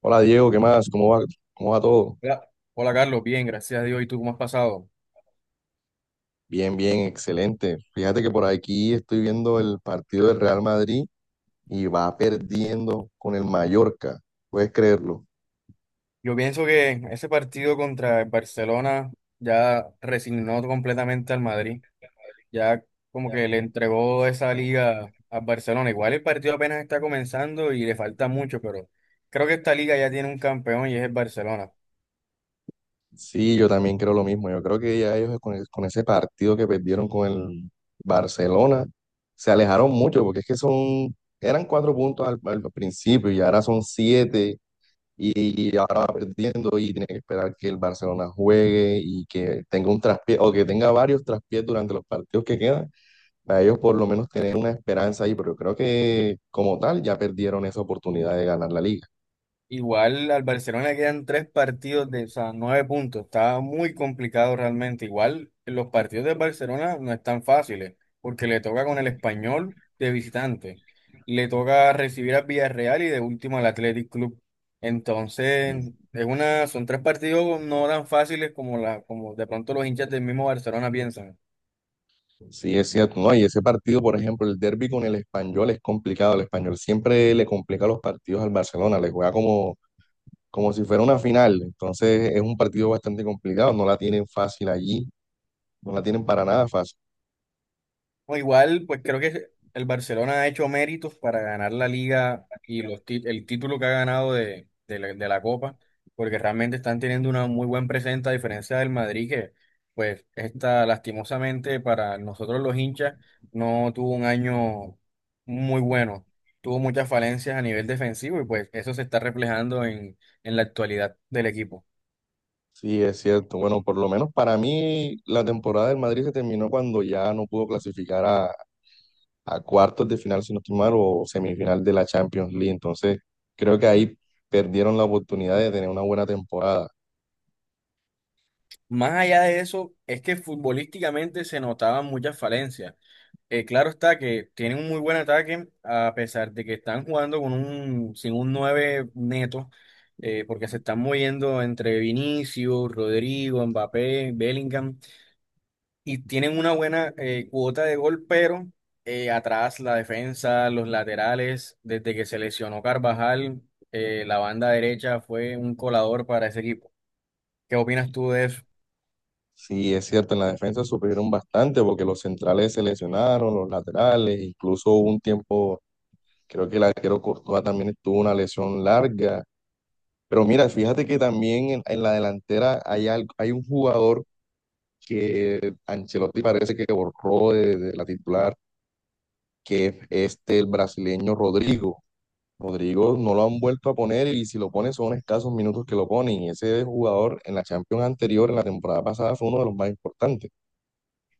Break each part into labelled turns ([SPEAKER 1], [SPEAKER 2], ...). [SPEAKER 1] Hola Diego, ¿qué más? Cómo va todo?
[SPEAKER 2] Hola, Carlos, bien, gracias a Dios. ¿Y tú cómo has pasado?
[SPEAKER 1] Bien, bien, excelente. Fíjate que por aquí estoy viendo el partido del Real Madrid y va perdiendo con el Mallorca. ¿Puedes creerlo?
[SPEAKER 2] Yo pienso que ese partido contra el Barcelona ya resignó completamente al Madrid, ya como
[SPEAKER 1] Ya.
[SPEAKER 2] que le entregó esa liga al Barcelona. Igual el partido apenas está comenzando y le falta mucho, pero creo que esta liga ya tiene un campeón y es el Barcelona.
[SPEAKER 1] Sí, yo también creo lo mismo. Yo creo que ya ellos con ese partido que perdieron con el Barcelona se alejaron mucho porque es que eran cuatro puntos al principio y ahora son siete y ahora va perdiendo y tiene que esperar que el Barcelona juegue y que tenga un traspié o que tenga varios traspiés durante los partidos que quedan, para ellos por lo menos tener una esperanza ahí, pero yo creo que como tal ya perdieron esa oportunidad de ganar la liga.
[SPEAKER 2] Igual al Barcelona le quedan tres partidos de, o sea, nueve puntos. Está muy complicado realmente. Igual los partidos del Barcelona no están fáciles, porque le toca con el Español de visitante. Le toca recibir al Villarreal y de último al Athletic Club.
[SPEAKER 1] Sí,
[SPEAKER 2] Entonces, es una, son tres partidos no tan fáciles como la, como de pronto los hinchas del mismo Barcelona piensan.
[SPEAKER 1] sí, es cierto, ¿no? Y ese partido, por ejemplo, el derbi con el Español es complicado. El Español siempre le complica los partidos al Barcelona, le juega como si fuera una final. Entonces es un partido bastante complicado, no la tienen fácil allí, no la tienen para nada fácil.
[SPEAKER 2] No, igual, pues creo que el Barcelona ha hecho méritos para ganar la liga y los el título que ha ganado de la Copa, porque realmente están teniendo una muy buena presencia, a diferencia del Madrid, que pues está lastimosamente para nosotros los hinchas no tuvo un año muy bueno, tuvo muchas falencias a nivel defensivo y pues eso se está reflejando en la actualidad del equipo.
[SPEAKER 1] Sí, es cierto. Bueno, por lo menos para mí la temporada del Madrid se terminó cuando ya no pudo clasificar a cuartos de final, si no estoy mal, o semifinal de la Champions League. Entonces, creo que ahí perdieron la oportunidad de tener una buena temporada.
[SPEAKER 2] Más allá de eso, es que futbolísticamente se notaban muchas falencias. Claro está que tienen un muy buen ataque, a pesar de que están jugando con un, sin un 9 neto, porque se están moviendo entre Vinicius, Rodrigo, Mbappé, Bellingham, y tienen una buena cuota de gol, pero atrás la defensa, los laterales, desde que se lesionó Carvajal, la banda derecha fue un colador para ese equipo. ¿Qué opinas tú de eso?
[SPEAKER 1] Sí, es cierto, en la defensa sufrieron bastante porque los centrales se lesionaron, los laterales, incluso hubo un tiempo, creo que el arquero Courtois también tuvo una lesión larga. Pero mira, fíjate que también en la delantera hay un jugador que Ancelotti parece que borró de la titular, que es este el brasileño Rodrigo. Rodrigo no lo han vuelto a poner y si lo pone son escasos minutos que lo ponen. Y ese jugador en la Champions anterior, en la temporada pasada, fue uno de los más importantes.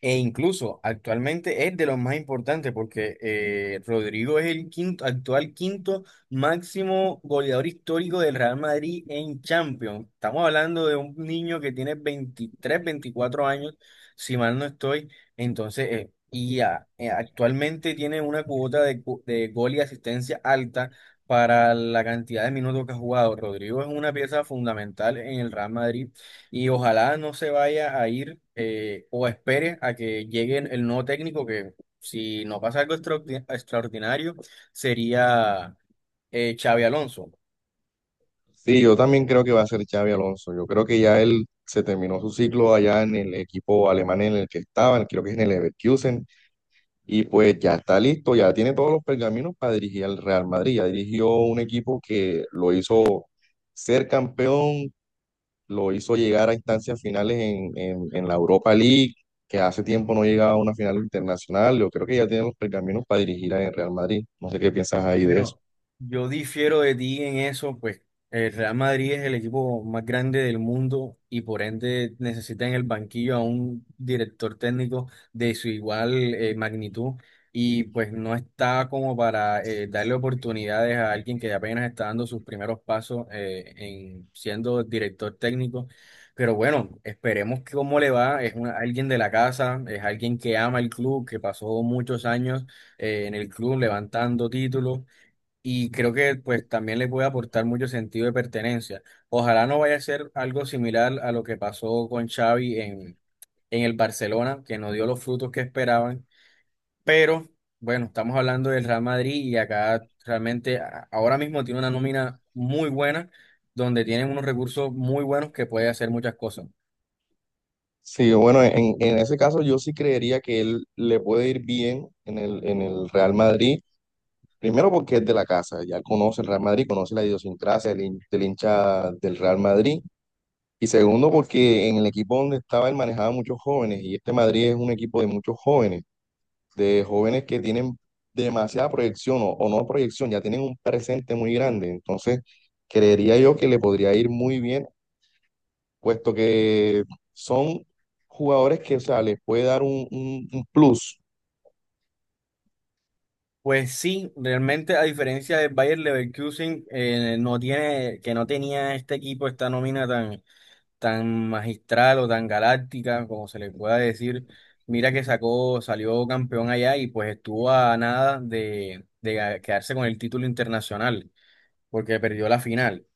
[SPEAKER 2] E incluso actualmente es de los más importantes porque Rodrigo es el quinto, actual quinto máximo goleador histórico del Real Madrid en Champions. Estamos hablando de un niño que tiene 23 24 años, si mal no estoy. Entonces, actualmente tiene una cuota de, de gol y asistencia alta para la cantidad de minutos que ha jugado. Rodrigo es una pieza fundamental en el Real Madrid y ojalá no se vaya a ir o espere a que llegue el nuevo técnico, que si no pasa algo extraordinario, sería Xavi Alonso.
[SPEAKER 1] Sí, yo también creo que va a ser Xavi Alonso. Yo creo que ya él se terminó su ciclo allá en el equipo alemán en el que estaba, creo que es en el Leverkusen. Y pues ya está listo, ya tiene todos los pergaminos para dirigir al Real Madrid. Ya dirigió un equipo que lo hizo ser campeón, lo hizo llegar a instancias finales en la Europa League, que hace tiempo no llegaba a una final internacional. Yo creo que ya tiene los pergaminos para dirigir al Real Madrid. No sé qué piensas ahí de eso.
[SPEAKER 2] Bueno, yo difiero de ti en eso, pues el Real Madrid es el equipo más grande del mundo y por ende necesita en el banquillo a un director técnico de su igual magnitud y pues no está como para darle oportunidades a alguien que apenas está dando sus primeros pasos en siendo director técnico. Pero bueno, esperemos que cómo le va. Es alguien de la casa, es alguien que ama el club, que pasó muchos años en el club levantando títulos. Y creo que pues también les puede aportar mucho sentido de pertenencia. Ojalá no vaya a ser algo similar a lo que pasó con Xavi en el Barcelona, que no dio los frutos que esperaban. Pero bueno, estamos hablando del Real Madrid y acá realmente ahora mismo tiene una nómina muy buena, donde tienen unos recursos muy buenos que puede hacer muchas cosas.
[SPEAKER 1] Sí, bueno, en ese caso yo sí creería que él le puede ir bien en en el Real Madrid. Primero porque es de la casa, ya conoce el Real Madrid, conoce la idiosincrasia del hincha del Real Madrid. Y segundo, porque en el equipo donde estaba él manejaba muchos jóvenes y este Madrid es un equipo de muchos jóvenes, de jóvenes que tienen demasiada proyección o no proyección, ya tienen un presente muy grande. Entonces, creería yo que le podría ir muy bien, puesto que son jugadores que, o sea, les puede dar un plus.
[SPEAKER 2] Pues sí, realmente a diferencia del Bayer Leverkusen, no tiene, que no tenía este equipo, esta nómina tan tan magistral o tan galáctica, como se le pueda decir. Mira que sacó, salió campeón allá y pues estuvo a nada de quedarse con el título internacional, porque perdió la final.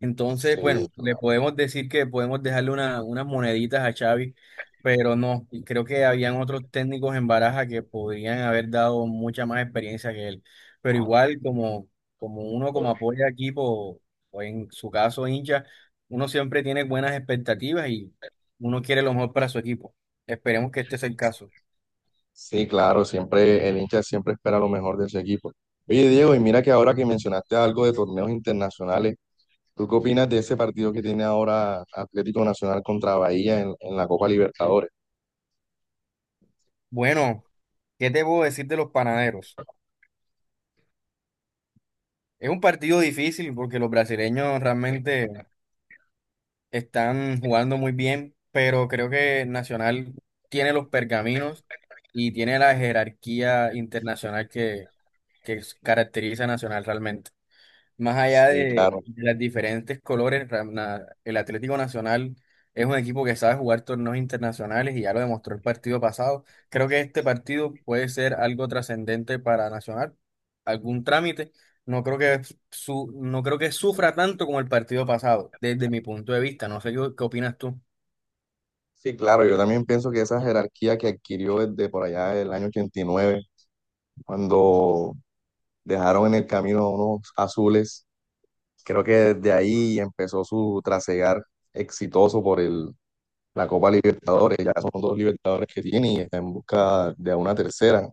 [SPEAKER 2] Entonces, bueno,
[SPEAKER 1] Sí,
[SPEAKER 2] le
[SPEAKER 1] claro.
[SPEAKER 2] podemos decir que podemos dejarle unas moneditas a Xavi, pero no, y creo que habían otros técnicos en Baraja que podrían haber dado mucha más experiencia que él. Pero igual, como, como uno como apoya equipo, o en su caso hincha, uno siempre tiene buenas expectativas y uno quiere lo mejor para su equipo. Esperemos que este sea el caso.
[SPEAKER 1] Sí, claro, siempre el hincha siempre espera lo mejor de ese equipo. Oye, Diego, y mira que ahora que mencionaste algo de torneos internacionales, ¿tú qué opinas de ese partido que tiene ahora Atlético Nacional contra Bahía en la Copa Libertadores?
[SPEAKER 2] Bueno, ¿qué te puedo decir de los panaderos? Es un partido difícil porque los brasileños realmente están jugando muy bien, pero creo que Nacional tiene los pergaminos y tiene la jerarquía internacional que caracteriza a Nacional realmente. Más allá
[SPEAKER 1] Sí, claro.
[SPEAKER 2] de las diferentes colores, el Atlético Nacional es un equipo que sabe jugar torneos internacionales y ya lo demostró el partido pasado. Creo que este partido puede ser algo trascendente para Nacional, algún trámite. No creo que no creo que sufra tanto como el partido pasado, desde mi punto de vista. No sé qué, qué opinas tú.
[SPEAKER 1] Sí, claro. Yo también pienso que esa jerarquía que adquirió desde por allá del año 89, cuando dejaron en el camino a unos azules, creo que desde ahí empezó su trasegar exitoso por la Copa Libertadores. Ya son dos Libertadores que tiene y está en busca de una tercera,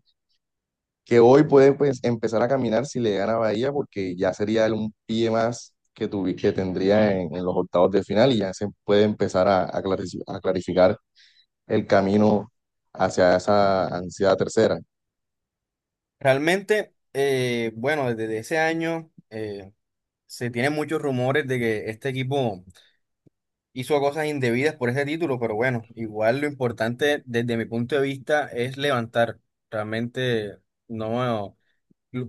[SPEAKER 1] que hoy puede, pues, empezar a caminar si le gana Bahía, porque ya sería un pie más que tendría en los octavos de final y ya se puede empezar a a clarificar el camino hacia esa ansiada tercera.
[SPEAKER 2] Realmente, bueno, desde ese año se tienen muchos rumores de que este equipo hizo cosas indebidas por ese título, pero bueno, igual lo importante desde mi punto de vista es levantar. Realmente no,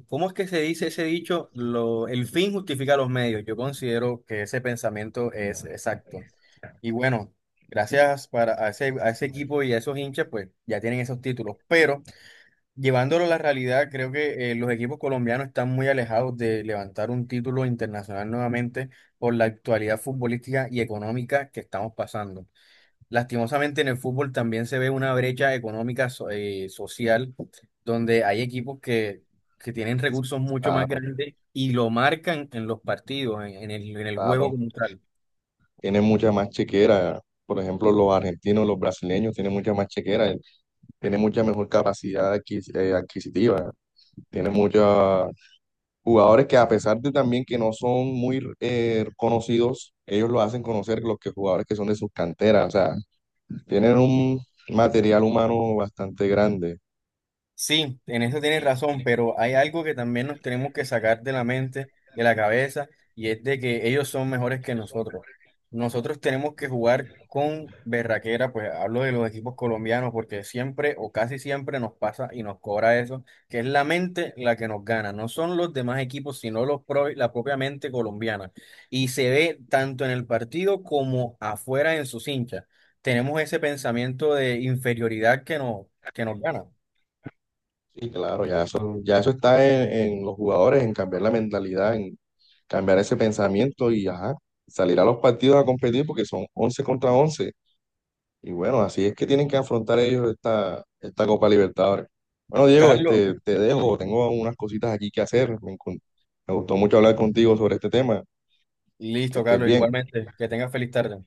[SPEAKER 2] ¿cómo es que se dice ese dicho? Lo, el fin justifica los medios. Yo considero que ese pensamiento es exacto. Y bueno, gracias para a ese equipo y a esos hinchas, pues ya tienen esos títulos, pero llevándolo a la realidad, creo que los equipos colombianos están muy alejados de levantar un título internacional nuevamente por la actualidad futbolística y económica que estamos pasando. Lastimosamente en el fútbol también se ve una brecha económica social donde hay equipos que tienen recursos mucho más
[SPEAKER 1] Claro,
[SPEAKER 2] grandes y lo marcan en los partidos, en el juego
[SPEAKER 1] claro.
[SPEAKER 2] como tal.
[SPEAKER 1] Tiene mucha más chequera, por ejemplo, los argentinos, los brasileños tienen mucha más chequera, tienen mucha mejor capacidad adquisitiva, tienen mucha jugadores que a pesar de también que no son muy conocidos, ellos lo hacen conocer los que jugadores que son de sus canteras, o sea, tienen un material humano bastante grande.
[SPEAKER 2] Sí, en eso tienes razón, pero hay algo que también nos tenemos que sacar de la mente, de la cabeza, y es de que ellos son mejores que nosotros. Nosotros tenemos que jugar con berraquera, pues hablo de los equipos colombianos, porque siempre o casi siempre nos pasa y nos cobra eso, que es la mente la que nos gana, no son los demás equipos, sino los la propia mente colombiana. Y se ve tanto en el partido como afuera en sus hinchas. Tenemos ese pensamiento de inferioridad que nos gana.
[SPEAKER 1] Sí, claro, ya eso está en los jugadores, en cambiar la mentalidad, en cambiar ese pensamiento y ajá, salir a los partidos a competir porque son 11 contra once. Y bueno, así es que tienen que afrontar ellos esta, esta Copa Libertadores. Bueno, Diego,
[SPEAKER 2] Carlos.
[SPEAKER 1] este, te dejo, tengo unas cositas aquí que hacer. Me gustó mucho hablar contigo sobre este tema. Que
[SPEAKER 2] Listo,
[SPEAKER 1] estés
[SPEAKER 2] Carlos,
[SPEAKER 1] bien.
[SPEAKER 2] igualmente. Que tengas feliz tarde.